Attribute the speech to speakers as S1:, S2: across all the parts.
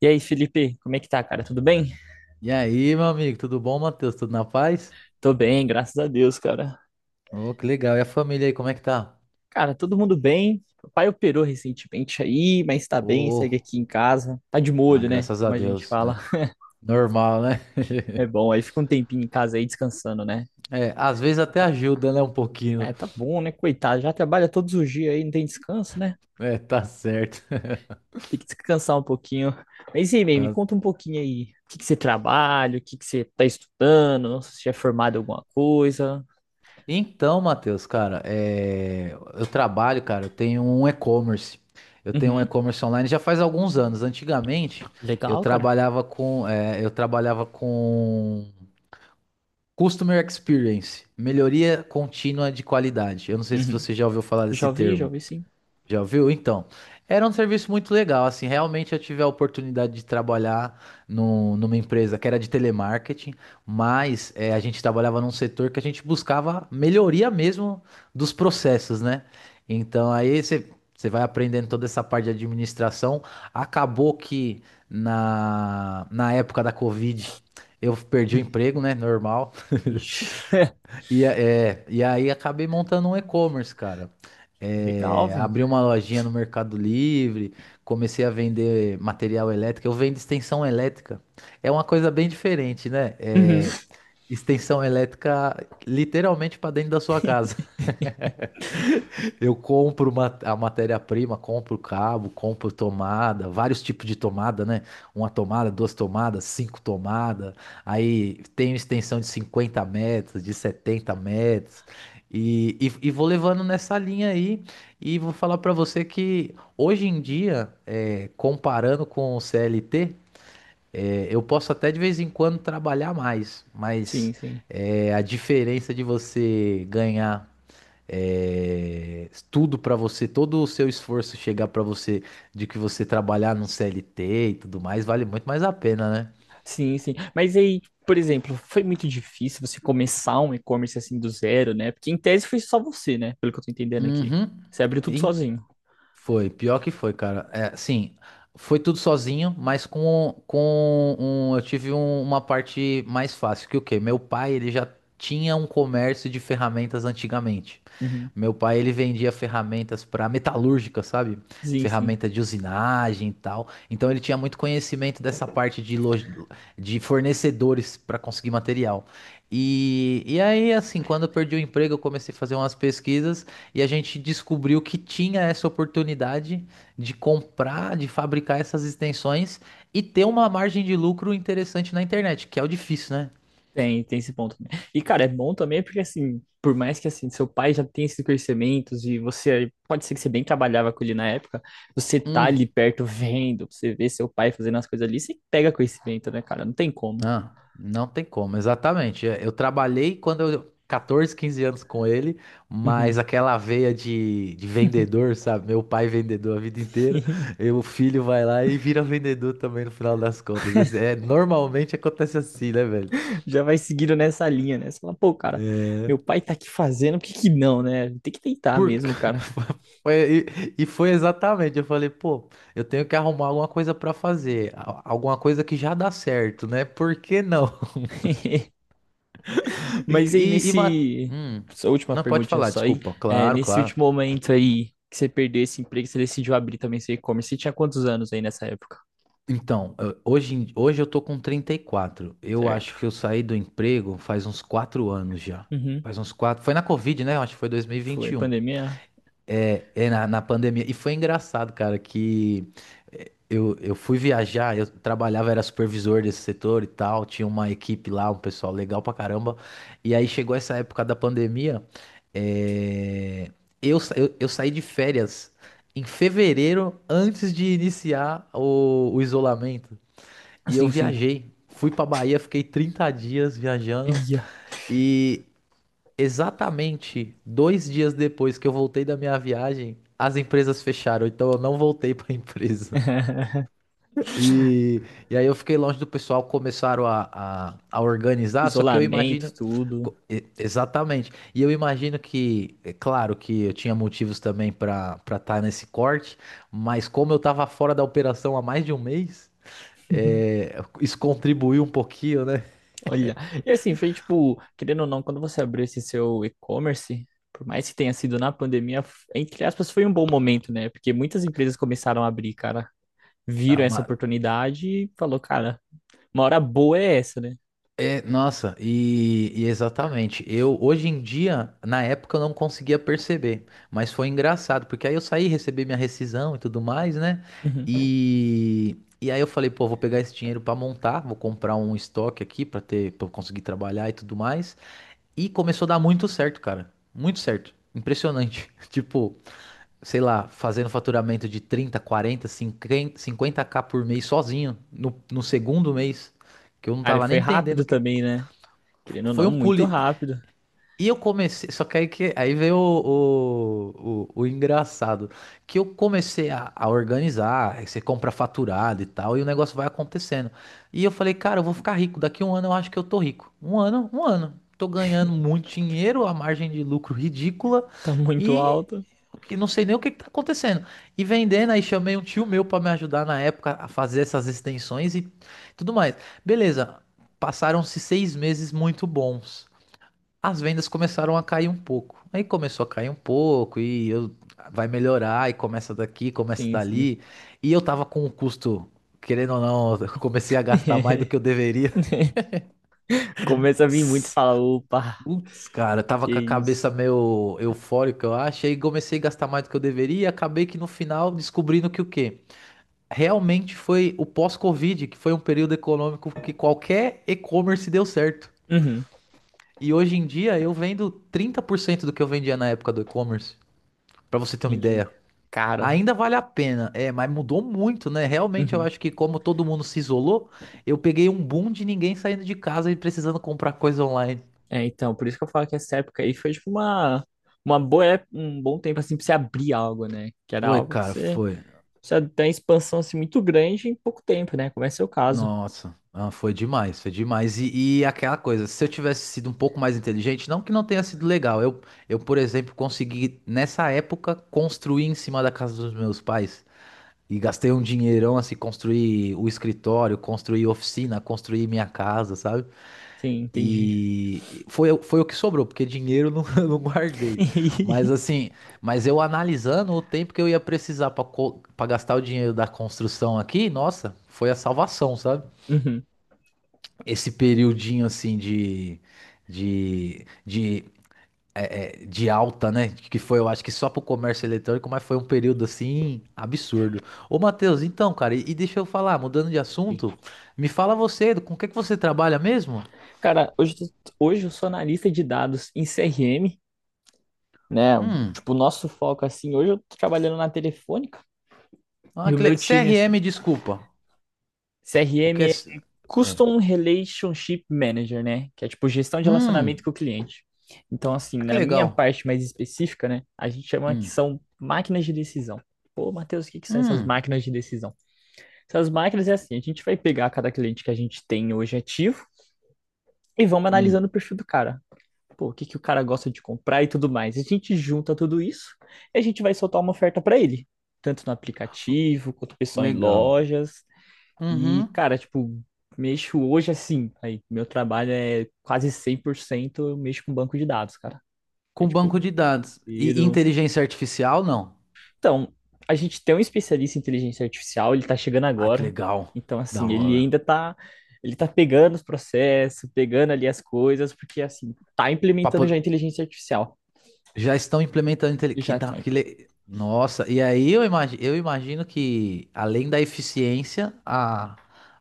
S1: E aí, Felipe, como é que tá, cara? Tudo bem?
S2: E aí, meu amigo, tudo bom, Matheus? Tudo na paz?
S1: Tô bem, graças a Deus, cara.
S2: Ô, que legal. E a família aí, como é que tá?
S1: Cara, todo mundo bem. Papai operou recentemente aí, mas tá bem, segue
S2: Pô,
S1: aqui em casa. Tá de molho, né?
S2: graças
S1: Como
S2: a
S1: a gente
S2: Deus,
S1: fala.
S2: né? Normal, né?
S1: É bom, aí fica um tempinho em casa aí descansando, né?
S2: É, às vezes até ajuda, né? Um pouquinho.
S1: É, tá bom, né? Coitado, já trabalha todos os dias aí, não tem descanso, né?
S2: É, tá certo.
S1: Tem que descansar um pouquinho. Mas e aí, May, me
S2: Tá-
S1: conta um pouquinho aí. O que que você trabalha? O que que você tá estudando? Não sei se já é formado em alguma coisa.
S2: Então, Matheus, cara, eu trabalho, cara, eu tenho um e-commerce. Eu tenho um
S1: Uhum.
S2: e-commerce online já faz alguns anos. Antigamente,
S1: Legal, cara.
S2: eu trabalhava com Customer Experience, melhoria contínua de qualidade. Eu não sei se
S1: Uhum.
S2: você já ouviu falar
S1: Já
S2: desse
S1: ouvi, já
S2: termo.
S1: ouvi
S2: Já ouviu? Então, era um serviço muito legal. Assim, realmente eu tive a oportunidade de trabalhar numa empresa que era de telemarketing, mas a gente trabalhava num setor que a gente buscava melhoria mesmo dos processos, né? Então, aí você vai aprendendo toda essa parte de administração. Acabou que na época da Covid eu perdi o emprego, né? Normal.
S1: sim.
S2: E aí acabei montando um e-commerce, cara.
S1: Legal,
S2: É,
S1: velho.
S2: abri uma lojinha no Mercado Livre, comecei a vender material elétrico. Eu vendo extensão elétrica. É uma coisa bem diferente, né?
S1: Uhum.
S2: É, extensão elétrica literalmente para dentro da sua casa. Eu compro a matéria-prima, compro cabo, compro tomada, vários tipos de tomada, né? Uma tomada, duas tomadas, cinco tomadas. Aí tenho extensão de 50 metros, de 70 metros. E vou levando nessa linha aí. E vou falar para você que hoje em dia, comparando com o CLT, eu posso até de vez em quando trabalhar mais,
S1: Sim,
S2: mas
S1: sim.
S2: a diferença de você ganhar tudo pra você, todo o seu esforço chegar pra você de que você trabalhar no CLT e tudo mais, vale muito mais a pena, né?
S1: Sim, sim. Mas aí, por exemplo, foi muito difícil você começar um e-commerce assim do zero, né? Porque em tese foi só você, né? Pelo que eu tô entendendo aqui.
S2: Uhum.
S1: Você abriu tudo sozinho.
S2: Foi, pior que foi, cara. É, sim, foi tudo sozinho, mas eu tive uma parte mais fácil, que o quê? Meu pai, ele já tinha um comércio de ferramentas antigamente.
S1: Uhum.
S2: Meu pai, ele vendia ferramentas para metalúrgica, sabe?
S1: Sim, sim.
S2: Ferramenta de usinagem e tal. Então ele tinha muito conhecimento dessa parte loja, de fornecedores para conseguir material. E aí, assim, quando eu perdi o emprego, eu comecei a fazer umas pesquisas. E a gente descobriu que tinha essa oportunidade de comprar, de fabricar essas extensões e ter uma margem de lucro interessante na internet, que é o difícil, né?
S1: Tem esse ponto também. E, cara, é bom também porque, assim, por mais que, assim, seu pai já tenha esses conhecimentos e você, pode ser que você bem trabalhava com ele na época, você tá
S2: Hum,
S1: ali perto vendo, você vê seu pai fazendo as coisas ali, você pega conhecimento, né, cara? Não tem como.
S2: ah, não tem como, exatamente. É, eu trabalhei quando eu. 14, 15 anos com ele, mas
S1: Uhum.
S2: aquela veia de vendedor, sabe? Meu pai vendedor a vida inteira, e o filho vai lá e vira vendedor também no final das contas. Normalmente acontece assim, né, velho?
S1: Já vai seguindo nessa linha, né? Você fala, pô, cara, meu
S2: É.
S1: pai tá aqui fazendo, por que que não, né? Tem que tentar
S2: Por...
S1: mesmo, cara.
S2: foi- e foi exatamente, eu falei, pô, eu tenho que arrumar alguma coisa pra fazer, alguma coisa que já dá certo, né? Por que não? E,
S1: Mas aí,
S2: e, e ma-
S1: nesse...
S2: Hum,
S1: Essa última
S2: não, pode
S1: perguntinha
S2: falar,
S1: só aí.
S2: desculpa.
S1: É,
S2: Claro,
S1: nesse
S2: claro.
S1: último momento aí que você perdeu esse emprego, você decidiu abrir também seu e-commerce. Você tinha quantos anos aí nessa época?
S2: Então, hoje eu tô com 34. Eu
S1: Certo.
S2: acho que eu saí do emprego faz uns 4 anos já.
S1: Uhum.
S2: Faz uns quatro. Foi na Covid, né? Eu acho que foi dois mil e vinte
S1: Foi
S2: e um.
S1: pandemia?
S2: É, na pandemia. E foi engraçado, cara, que eu fui viajar, eu trabalhava, era supervisor desse setor e tal, tinha uma equipe lá, um pessoal legal pra caramba. E aí chegou essa época da pandemia, é, eu saí de férias em fevereiro, antes de iniciar o isolamento. E eu
S1: Sim, sim.
S2: viajei, fui pra Bahia, fiquei 30 dias viajando.
S1: Ia.
S2: E exatamente 2 dias depois que eu voltei da minha viagem, as empresas fecharam, então eu não voltei para a empresa. E, e aí eu fiquei longe do pessoal, começaram a organizar, só que eu
S1: Isolamento,
S2: imagino.
S1: tudo.
S2: Exatamente. E eu imagino que, é claro que eu tinha motivos também para estar nesse corte, mas como eu estava fora da operação há mais de um mês, é, isso contribuiu um pouquinho, né?
S1: Olha, e assim, foi tipo, querendo ou não, quando você abriu esse seu e-commerce, por mais que tenha sido na pandemia, f- entre aspas, foi um bom momento, né? Porque muitas empresas começaram a abrir, cara,
S2: a
S1: viram essa
S2: uma-
S1: oportunidade e falou, cara, uma hora boa é essa, né?
S2: É, nossa, exatamente. Eu hoje em dia, na época, eu não conseguia perceber, mas foi engraçado, porque aí eu saí, recebi minha rescisão e tudo mais, né?
S1: Uhum.
S2: E aí eu falei, pô, vou pegar esse dinheiro pra montar, vou comprar um estoque aqui pra ter, para conseguir trabalhar e tudo mais. E começou a dar muito certo, cara. Muito certo. Impressionante. Tipo, sei lá, fazendo faturamento de 30, 40, 50 50k por mês sozinho no segundo mês, que eu não
S1: Cara,
S2: tava nem
S1: foi
S2: entendendo o
S1: rápido
S2: que
S1: também, né? Querendo ou
S2: foi.
S1: não,
S2: Um pulo.
S1: muito
S2: E
S1: rápido.
S2: e eu comecei. Só que, aí veio o engraçado. Que eu comecei a organizar. Aí você compra faturado e tal. E o negócio vai acontecendo. E eu falei, cara, eu vou ficar rico. Daqui um ano eu acho que eu tô rico. Um ano, um ano. Tô ganhando muito dinheiro, a margem de lucro ridícula.
S1: Tá muito
S2: E
S1: alto.
S2: o que não sei nem o que, que tá acontecendo. E vendendo, aí chamei um tio meu para me ajudar na época a fazer essas extensões e tudo mais. Beleza. Passaram-se 6 meses muito bons, as vendas começaram a cair um pouco. Aí começou a cair um pouco e eu vai melhorar, e começa daqui, começa
S1: Sim, sim.
S2: dali. E eu tava com o custo, querendo ou não, eu comecei a gastar mais do que eu deveria.
S1: Começa a vir muito e fala, opa,
S2: Putz, cara, eu tava
S1: que
S2: com a
S1: isso.
S2: cabeça meio eufórica, eu acho, e comecei a gastar mais do que eu deveria, e acabei que no final descobrindo que o quê? Realmente foi o pós-Covid, que foi um período econômico que qualquer e-commerce deu certo.
S1: Uhum,
S2: E hoje em dia eu vendo 30% do que eu vendia na época do e-commerce. Pra você ter uma
S1: entendi.
S2: ideia.
S1: Cara.
S2: Ainda vale a pena, é, mas mudou muito, né? Realmente eu
S1: Uhum.
S2: acho que como todo mundo se isolou, eu peguei um boom de ninguém saindo de casa e precisando comprar coisa online.
S1: É, então, por isso que eu falo que essa época aí foi tipo uma boa, ép- um bom tempo assim pra você abrir algo, né? Que era
S2: Foi,
S1: algo que
S2: cara,
S1: você
S2: foi.
S1: precisa ter uma expansão assim muito grande em pouco tempo, né? Como é seu caso.
S2: Nossa, ah, foi demais, foi demais. E aquela coisa, se eu tivesse sido um pouco mais inteligente, não que não tenha sido legal, eu, por exemplo, consegui nessa época construir em cima da casa dos meus pais. E gastei um dinheirão assim, construir o escritório, construir oficina, construir minha casa, sabe?
S1: Sim, entendi.
S2: E foi, foi o que sobrou, porque dinheiro eu não, eu não guardei. Mas assim, mas eu analisando o tempo que eu ia precisar para gastar o dinheiro da construção aqui, nossa, foi a salvação, sabe?
S1: Uhum.
S2: Esse periodinho assim de, de, de alta, né? Que foi, eu acho que só pro comércio eletrônico, mas foi um período assim absurdo. Ô, Matheus, então, cara, deixa eu falar, mudando de assunto, me fala você, com o que que você trabalha mesmo?
S1: Cara, hoje, eu tô- hoje eu sou analista de dados em CRM, né?
S2: Hum,
S1: Tipo, o nosso foco assim, hoje eu tô trabalhando na Telefônica
S2: ah,
S1: e o
S2: que
S1: meu time assim,
S2: CRM, desculpa. O
S1: CRM
S2: que é.
S1: Custom Relationship Manager, né? Que é tipo gestão de relacionamento
S2: Hum,
S1: com o cliente. Então, assim,
S2: ah, que
S1: na minha
S2: legal.
S1: parte mais específica, né? A gente chama que
S2: Hum,
S1: são máquinas de decisão. Pô, Matheus, o que que são essas
S2: hum,
S1: máquinas de decisão? Essas máquinas é assim, a gente vai pegar cada cliente que a gente tem hoje ativo e vamos analisando
S2: hum,
S1: o perfil do cara. Pô, o que que o cara gosta de comprar e tudo mais. A gente junta tudo isso e a gente vai soltar uma oferta para ele, tanto no aplicativo quanto o pessoal em
S2: legal.
S1: lojas. E,
S2: Uhum.
S1: cara, tipo, mexo hoje assim. Aí, meu trabalho é quase 100% eu mexo com banco de dados, cara. É
S2: Com
S1: tipo,
S2: banco de dados. E
S1: tiro.
S2: inteligência artificial, não?
S1: Então, a gente tem um especialista em inteligência artificial, ele tá chegando
S2: Ah, que
S1: agora.
S2: legal.
S1: Então,
S2: Da
S1: assim, ele
S2: hora.
S1: ainda tá. Ele tá pegando os processos, pegando ali as coisas, porque, assim, tá
S2: Pra
S1: implementando
S2: po-
S1: já a inteligência artificial.
S2: Já estão implementando. Intele- Que
S1: Já
S2: da...
S1: tem.
S2: que le- Nossa, e aí eu imagino que, além da eficiência,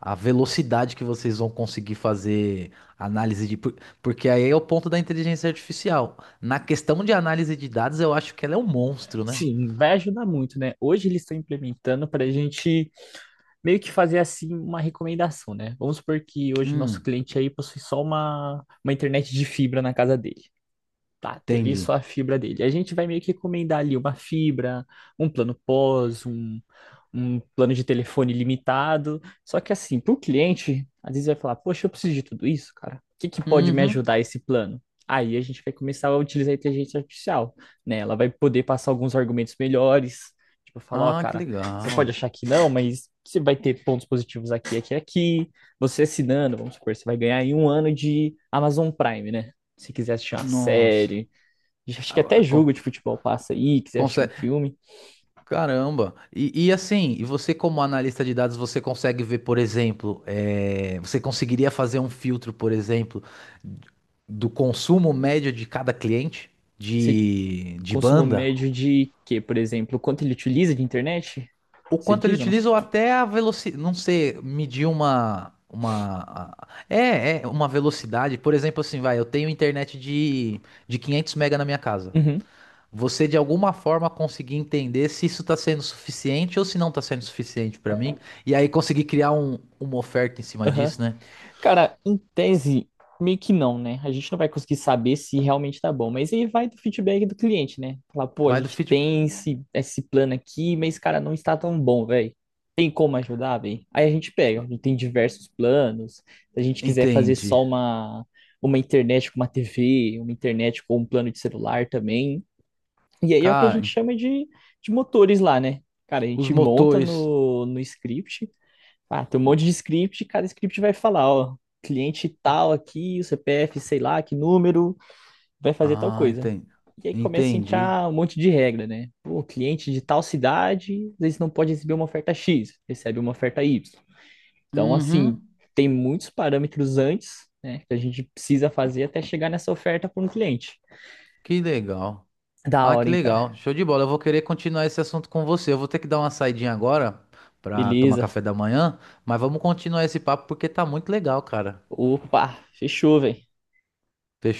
S2: a velocidade que vocês vão conseguir fazer análise porque aí é o ponto da inteligência artificial. Na questão de análise de dados, eu acho que ela é um monstro, né?
S1: Sim, vai ajudar muito, né? Hoje eles estão implementando para a gente meio que fazer assim uma recomendação, né? Vamos supor que hoje o nosso
S2: Hum,
S1: cliente aí possui só uma internet de fibra na casa dele bate ali
S2: entendi.
S1: só a fibra dele. A gente vai meio que recomendar ali uma fibra, um plano pós, um plano de telefone limitado. Só que assim, para o cliente, às vezes vai falar, poxa, eu preciso de tudo isso, cara. O que que pode me
S2: Uhum.
S1: ajudar esse plano? Aí a gente vai começar a utilizar a inteligência artificial, né? Ela vai poder passar alguns argumentos melhores, tipo, falar, ó,
S2: Ah, que
S1: cara, você pode
S2: legal.
S1: achar que não, mas você vai ter pontos positivos aqui, aqui, aqui. Você assinando, vamos supor, você vai ganhar aí um ano de Amazon Prime, né? Se quiser assistir uma
S2: Nossa.
S1: série, acho que
S2: Ah,
S1: até jogo
S2: con-
S1: de futebol passa aí, quiser assistir um
S2: Consegue...
S1: filme,
S2: Caramba. E você como analista de dados, você consegue ver, por exemplo, você conseguiria fazer um filtro, por exemplo, do consumo médio de cada cliente
S1: você
S2: de
S1: consumo
S2: banda,
S1: médio de quê, por exemplo? Quanto ele utiliza de internet?
S2: o
S1: Você
S2: quanto ele
S1: diz ou
S2: utiliza ou
S1: não?
S2: até a velocidade, não sei, medir é uma velocidade, por exemplo, assim, vai, eu tenho internet de 500 mega na minha casa.
S1: Uhum.
S2: Você de alguma forma conseguir entender se isso está sendo suficiente ou se não está sendo suficiente para mim, e aí conseguir criar uma oferta em cima
S1: Aham.
S2: disso, né?
S1: Cara, em tese, meio que não, né? A gente não vai conseguir saber se realmente tá bom, mas aí vai do feedback do cliente, né? Falar, pô, a
S2: Vai do
S1: gente
S2: feed.
S1: tem esse plano aqui, mas, cara, não está tão bom, velho. Tem como ajudar, velho? Aí a gente pega, a gente tem diversos planos. Se a gente quiser fazer
S2: Entendi.
S1: só uma internet com uma TV, uma internet com um plano de celular também. E aí é o que a gente
S2: Cara,
S1: chama de motores lá, né? Cara, a
S2: os
S1: gente monta
S2: motores.
S1: no script ah, tem um monte de script, e cada script vai falar, ó, cliente tal aqui, o CPF, sei lá, que número, vai fazer tal
S2: Ah,
S1: coisa.
S2: entendi.
S1: E aí começa a
S2: Entendi.
S1: entrar um monte de regra, né? O cliente de tal cidade, às vezes não pode receber uma oferta X, recebe uma oferta Y. Então, assim,
S2: Uhum.
S1: tem muitos parâmetros antes, né, que a gente precisa fazer até chegar nessa oferta para um cliente.
S2: Que legal.
S1: Da
S2: Ah,
S1: hora,
S2: que
S1: hein, cara?
S2: legal. Show de bola. Eu vou querer continuar esse assunto com você. Eu vou ter que dar uma saidinha agora para tomar
S1: Beleza.
S2: café da manhã, mas vamos continuar esse papo porque tá muito legal, cara.
S1: Opa, fechou, velho.
S2: Fechou?